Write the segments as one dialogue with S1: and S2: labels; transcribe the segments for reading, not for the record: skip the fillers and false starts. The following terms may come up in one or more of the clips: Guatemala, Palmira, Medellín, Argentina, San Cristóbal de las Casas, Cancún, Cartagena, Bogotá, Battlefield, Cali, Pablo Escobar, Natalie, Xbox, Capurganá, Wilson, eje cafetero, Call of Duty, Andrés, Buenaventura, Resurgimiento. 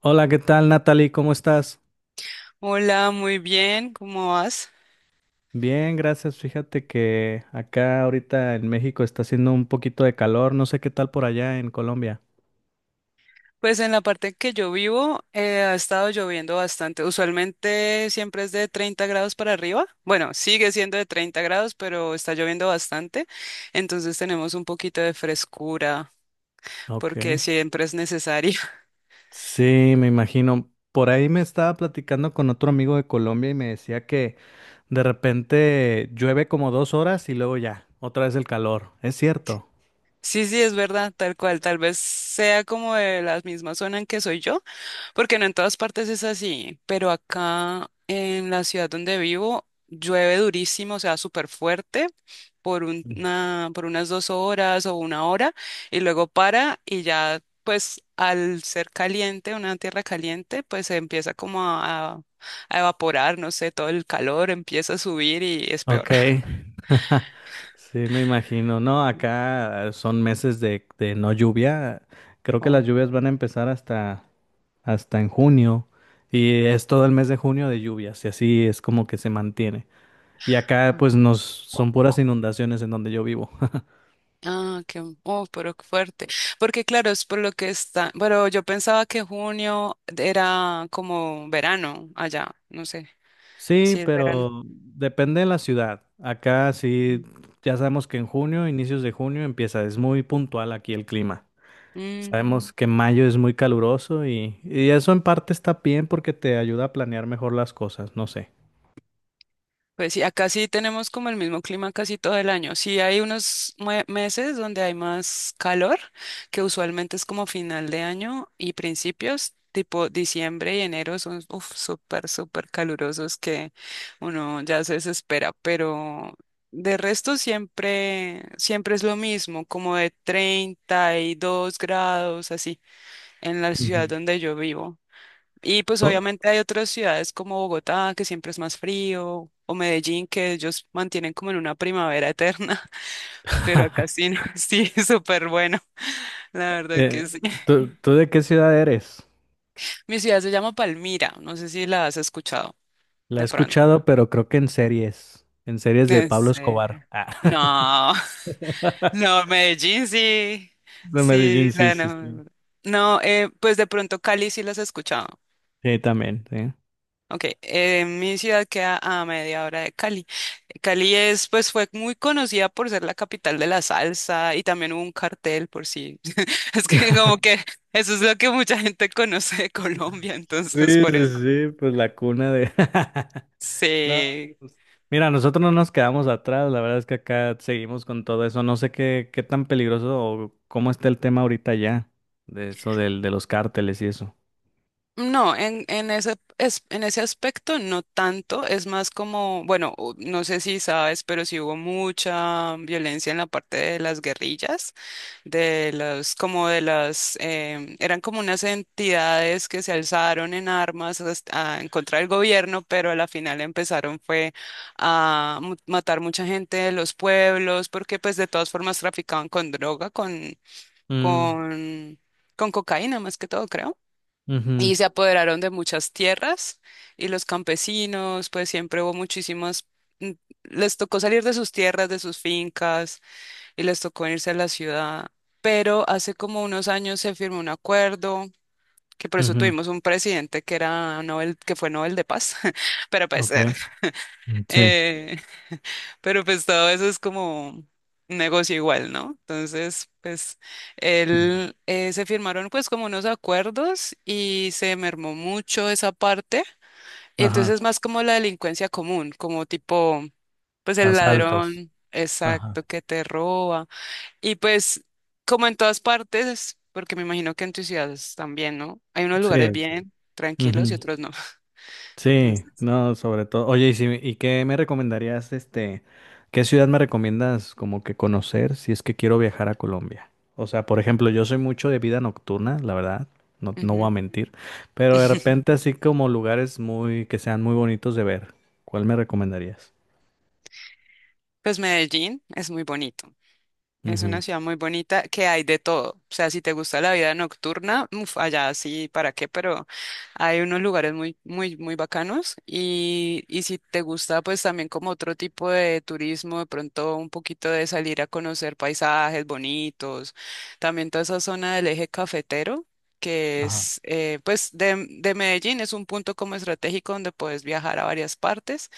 S1: Hola, ¿qué tal, Natalie? ¿Cómo estás?
S2: Hola, muy bien, ¿cómo vas?
S1: Bien, gracias. Fíjate que acá ahorita en México está haciendo un poquito de calor. No sé qué tal por allá en Colombia.
S2: Pues en la parte en que yo vivo ha estado lloviendo bastante. Usualmente siempre es de 30 grados para arriba. Bueno, sigue siendo de 30 grados, pero está lloviendo bastante. Entonces tenemos un poquito de frescura
S1: Ok.
S2: porque siempre es necesario.
S1: Sí, me imagino. Por ahí me estaba platicando con otro amigo de Colombia y me decía que de repente llueve como dos horas y luego ya, otra vez el calor. ¿Es cierto?
S2: Sí, sí, es verdad, tal cual. Tal vez sea como de la misma zona en que soy yo. Porque no en todas partes es así, pero acá en la ciudad donde vivo llueve durísimo, o sea, súper fuerte por unas 2 horas o 1 hora y luego para y ya pues al ser caliente, una tierra caliente, pues se empieza como a evaporar, no sé, todo el calor empieza a subir y es peor.
S1: Ok. Sí, me imagino. No, acá son meses de no lluvia. Creo que las
S2: Oh.
S1: lluvias van a empezar hasta en junio y es todo el mes de junio de lluvias y así es como que se mantiene. Y acá pues nos son puras inundaciones en donde yo vivo.
S2: Ah, qué, oh, pero qué fuerte. Porque claro, es por lo que está. Bueno, yo pensaba que junio era como verano allá, no sé
S1: Sí,
S2: si es verano.
S1: pero depende de la ciudad. Acá sí,
S2: Mm.
S1: ya sabemos que en junio, inicios de junio empieza, es muy puntual aquí el clima.
S2: Mm.
S1: Sabemos que mayo es muy caluroso y eso en parte está bien porque te ayuda a planear mejor las cosas, no sé.
S2: Pues sí, acá sí tenemos como el mismo clima casi todo el año. Sí hay unos meses donde hay más calor, que usualmente es como final de año y principios, tipo diciembre y enero son uf, súper, súper calurosos que uno ya se desespera, pero de resto siempre, siempre es lo mismo, como de 32 grados así en la
S1: Ujú.
S2: ciudad donde yo vivo. Y pues
S1: ¿Tú,
S2: obviamente hay otras ciudades como Bogotá, que siempre es más frío, o Medellín, que ellos mantienen como en una primavera eterna, pero acá sí, no, sí, súper bueno, la verdad que
S1: eh,
S2: sí.
S1: ¿tú de qué ciudad eres?
S2: Mi ciudad se llama Palmira, no sé si la has escuchado
S1: La he
S2: de pronto.
S1: escuchado, pero creo que en series de
S2: ¿En
S1: Pablo
S2: serio?
S1: Escobar. Ah,
S2: No, no, Medellín sí,
S1: de
S2: sí,
S1: Medellín, sí,
S2: la
S1: sí, sí.
S2: no. No, pues de pronto Cali sí las he escuchado.
S1: Sí, también, sí.
S2: Ok, mi ciudad queda a media hora de Cali. Cali es, pues, fue muy conocida por ser la capital de la salsa y también hubo un cartel por si. Es que como que eso es lo que mucha gente conoce de Colombia,
S1: Sí,
S2: entonces por
S1: sí,
S2: eso.
S1: sí, pues la cuna de... No,
S2: Sí.
S1: mira, nosotros no nos quedamos atrás, la verdad es que acá seguimos con todo eso. No sé qué, qué tan peligroso o cómo está el tema ahorita ya, de eso de los cárteles y eso.
S2: No, en ese aspecto no tanto, es más como, bueno, u- no sé si sabes, pero sí hubo mucha violencia en la parte de las guerrillas. De los como de las, eran como unas entidades que se alzaron en armas en contra del gobierno, pero a la final empezaron fue a matar mucha gente de los pueblos, porque pues de todas formas traficaban con droga,
S1: Mm,
S2: con, con cocaína más que todo, creo.
S1: ujú,
S2: Y se apoderaron de muchas tierras y los campesinos, pues siempre hubo muchísimas, mm, les tocó salir de sus tierras, de sus fincas y les tocó irse a la ciudad. Pero hace como unos años se firmó un acuerdo, que por eso
S1: ujú,
S2: tuvimos un presidente que era Nobel, que fue Nobel de Paz. Pero pues,
S1: ok, mm, sí.
S2: eh, pero pues todo eso es como un negocio igual, ¿no? Entonces, pues,
S1: Mm,
S2: él se firmaron pues como unos acuerdos y se mermó mucho esa parte. Y
S1: ajá,
S2: entonces es más como la delincuencia común, como tipo, pues el
S1: asaltos.
S2: ladrón,
S1: Ajá,
S2: exacto, que te roba. Y pues, como en todas partes, porque me imagino que en tus ciudades también, ¿no? Hay unos
S1: sí,
S2: lugares
S1: sí.
S2: bien tranquilos y otros no.
S1: Sí,
S2: Entonces,
S1: no, sobre todo. Oye, ¿y, si, y qué me recomendarías, este, qué ciudad me recomiendas como que conocer si es que quiero viajar a Colombia? O sea, por ejemplo, yo soy mucho de vida nocturna, la verdad, no, no voy a
S2: ujú.
S1: mentir, pero de repente así como lugares muy, que sean muy bonitos de ver, ¿cuál me recomendarías?
S2: Pues Medellín es muy bonito. Es una
S1: Ujú.
S2: ciudad muy bonita que hay de todo. O sea, si te gusta la vida nocturna, uf, allá sí, ¿para qué? Pero hay unos lugares muy, muy, muy bacanos. Y si te gusta, pues también como otro tipo de turismo, de pronto un poquito de salir a conocer paisajes bonitos. También toda esa zona del eje cafetero, que
S1: Ajá.
S2: es, pues, de Medellín, es un punto como estratégico donde puedes viajar a varias partes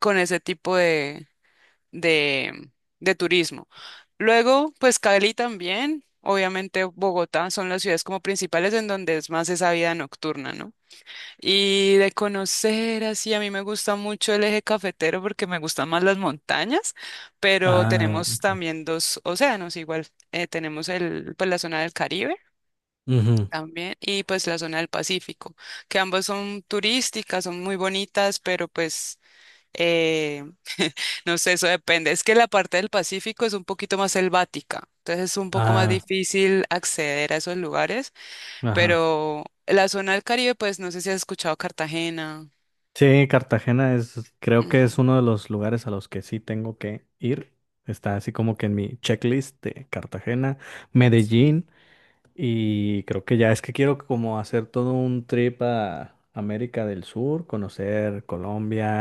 S2: con ese tipo de, de turismo. Luego, pues Cali también, obviamente Bogotá son las ciudades como principales en donde es más esa vida nocturna, ¿no? Y de conocer así, a mí me gusta mucho el eje cafetero porque me gustan más las montañas, pero
S1: Ah,
S2: tenemos también dos océanos, igual tenemos el, pues la zona del Caribe.
S1: ujú,
S2: También, y pues la zona del Pacífico, que ambas son turísticas, son muy bonitas, pero pues eh, no sé, eso depende. Es que la parte del Pacífico es un poquito más selvática, entonces es un poco más
S1: ah,
S2: difícil acceder a esos lugares,
S1: ajá.
S2: pero la zona del Caribe, pues no sé si has escuchado Cartagena.
S1: Sí, Cartagena es, creo que
S2: Ujú,
S1: es uno de los lugares a los que sí tengo que ir. Está así como que en mi checklist de Cartagena,
S2: sí.
S1: Medellín y creo que ya es que quiero como hacer todo un trip a América del Sur, conocer Colombia,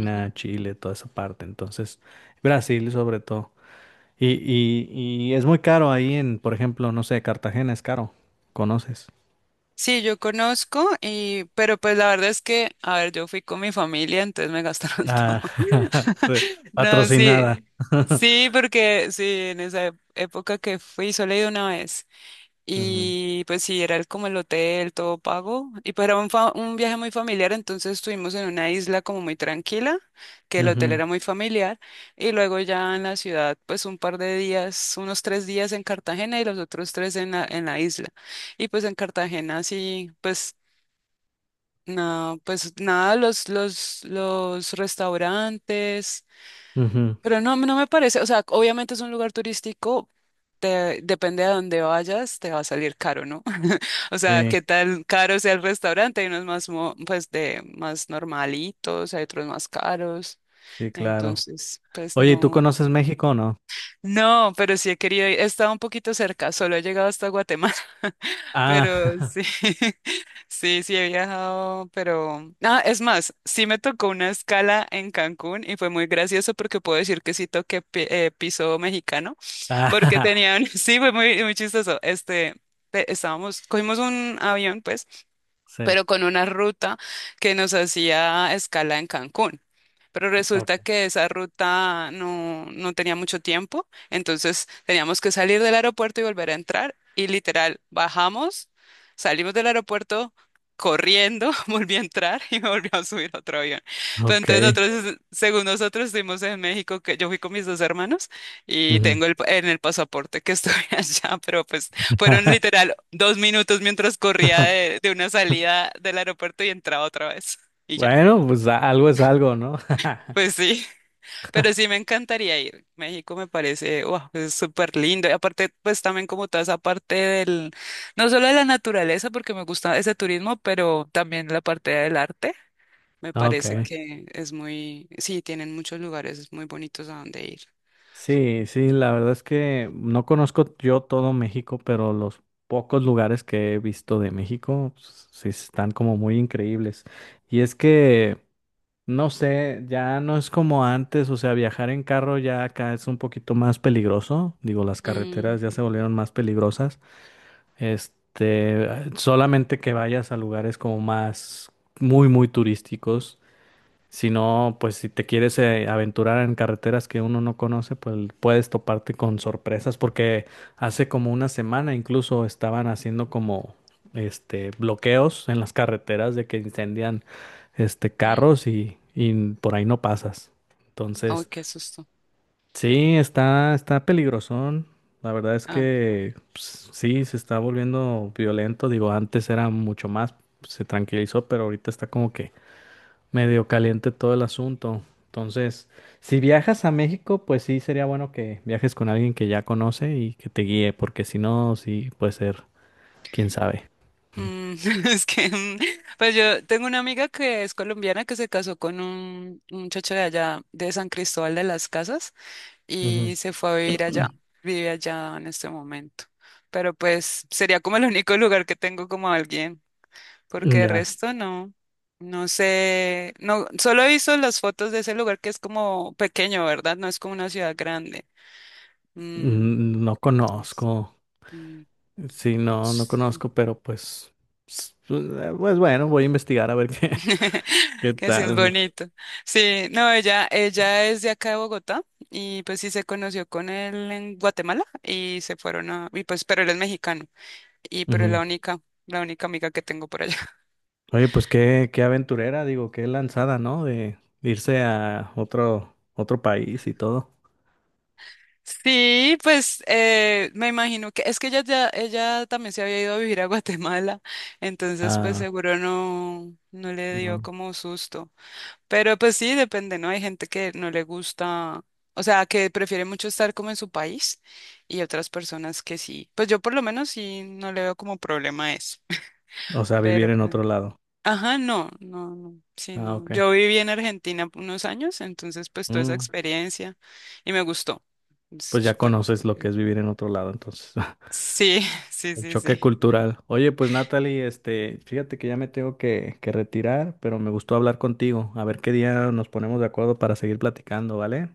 S2: Ujú.
S1: Chile, toda esa parte. Entonces, Brasil sobre todo. Y es muy caro ahí en, por ejemplo, no sé, Cartagena es caro. ¿Conoces?
S2: Sí, yo conozco y, pero pues la verdad es que, a ver, yo fui con mi familia, entonces me gastaron todo.
S1: Ah,
S2: No, sí,
S1: patrocinada.
S2: sí, porque sí, en esa época que fui solo he ido una vez.
S1: Ujú,
S2: Y pues sí, era como el hotel, todo pago. Y pues era un, un viaje muy familiar, entonces estuvimos en una isla como muy tranquila, que el hotel
S1: ujú.
S2: era muy familiar. Y luego ya en la ciudad, pues un par de días, unos 3 días en Cartagena y los otros tres en la isla. Y pues en Cartagena sí, pues no, pues nada, los restaurantes.
S1: Ujú,
S2: Pero no, no me parece, o sea, obviamente es un lugar turístico, depende de dónde vayas, te va a salir caro, ¿no? O sea,
S1: sí,
S2: qué tan caro sea el restaurante, hay unos más, pues, de más normalitos, hay otros más caros,
S1: sí, claro.
S2: entonces, pues
S1: Oye, ¿y ¿tú
S2: no.
S1: conoces México o no?
S2: No, pero sí he querido ir. He estado un poquito cerca, solo he llegado hasta Guatemala,
S1: Ah,
S2: pero sí, sí, sí he viajado, pero... Ah, es más, sí me tocó una escala en Cancún y fue muy gracioso porque puedo decir que sí toqué piso mexicano, porque
S1: ah,
S2: tenían, sí, fue muy, muy chistoso. Este, estábamos, cogimos un avión, pues
S1: sí.
S2: pero con una ruta que nos hacía escala en Cancún. Pero resulta
S1: Ok.
S2: que esa ruta no, no tenía mucho tiempo, entonces teníamos que salir del aeropuerto y volver a entrar. Y literal, bajamos, salimos del aeropuerto corriendo, volví a entrar y me volví a subir a otro avión. Pero
S1: Ok.
S2: entonces nosotros, según nosotros, estuvimos en México, que yo fui con mis dos hermanos y
S1: Ujú.
S2: tengo en el pasaporte que estoy allá, pero pues fueron literal 2 minutos mientras corría de una salida del aeropuerto y entraba otra vez. Y ya.
S1: Bueno, pues algo es algo, ¿no?
S2: Pues sí, pero sí me encantaría ir. México me parece, wow, es súper lindo. Y aparte, pues también como toda esa parte del, no solo de la naturaleza, porque me gusta ese turismo, pero también la parte del arte. Me parece
S1: Ok.
S2: que es muy, sí, tienen muchos lugares muy bonitos a donde ir.
S1: Sí, sí, la verdad es que no conozco yo todo México, pero los pocos lugares que he visto de México, sí están como muy increíbles. Y es que no sé, ya no es como antes, o sea, viajar en carro ya acá es un poquito más peligroso, digo, las
S2: Mm.
S1: carreteras ya se volvieron más peligrosas, este, solamente que vayas a lugares como más muy, muy turísticos, si no, pues si te quieres aventurar en carreteras que uno no conoce, pues puedes toparte con sorpresas, porque hace como una semana incluso estaban haciendo como este bloqueos en las carreteras de que incendian este carros y por ahí no pasas.
S2: Ay,
S1: Entonces,
S2: qué susto.
S1: sí, está, está peligrosón. La verdad es
S2: Ah.
S1: que pues, sí, se está volviendo violento. Digo, antes era mucho más, se tranquilizó, pero ahorita está como que medio caliente todo el asunto. Entonces, si viajas a México, pues sí sería bueno que viajes con alguien que ya conoce y que te guíe, porque si no, sí puede ser, quién sabe.
S2: Mm, es que, mm, pues yo tengo una amiga que es colombiana que se casó con un muchacho de allá, de San Cristóbal de las Casas,
S1: Ujú.
S2: y se fue a vivir allá, vive allá en este momento. Pero pues sería como el único lugar que tengo como alguien, porque de
S1: Ya,
S2: resto no, no sé, no, solo he visto las fotos de ese lugar que es como pequeño, ¿verdad? No es como una ciudad grande. Mm,
S1: mm, no conozco.
S2: mm,
S1: Sí, no, no conozco, pero pues, s- pues bueno, voy a investigar a ver qué, qué
S2: que sí es
S1: tal.
S2: bonito. Sí, no, ella es de acá de Bogotá y pues sí se conoció con él en Guatemala y se fueron a, y pues, pero él es mexicano y pero es
S1: Ujú.
S2: la única amiga que tengo por allá.
S1: Oye, pues qué, qué aventurera, digo, qué lanzada, ¿no? De irse a otro, otro país y todo.
S2: Sí, pues me imagino que es que ella ya, ella también se había ido a vivir a Guatemala, entonces pues
S1: Ah,
S2: seguro no, no le dio
S1: no.
S2: como susto. Pero pues sí, depende, ¿no? Hay gente que no le gusta, o sea, que prefiere mucho estar como en su país y otras personas que sí. Pues yo por lo menos sí no le veo como problema a eso.
S1: O sea, vivir
S2: Pero,
S1: en
S2: pues,
S1: otro lado.
S2: ajá, no, no, no, sí,
S1: Ah,
S2: no.
S1: ok.
S2: Yo viví en Argentina unos años, entonces pues toda esa
S1: Mm,
S2: experiencia y me gustó. Es
S1: pues ya
S2: súper.
S1: conoces lo que es vivir en otro lado, entonces.
S2: Sí, sí,
S1: El
S2: sí,
S1: choque
S2: sí.
S1: cultural. Oye, pues Natalie, este, fíjate que ya me tengo que retirar, pero me gustó hablar contigo. A ver qué día nos ponemos de acuerdo para seguir platicando, ¿vale?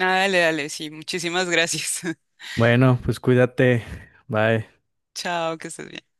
S2: Ah, dale, dale, sí, muchísimas gracias.
S1: Bueno, pues cuídate. Bye.
S2: Chao, que estés bien.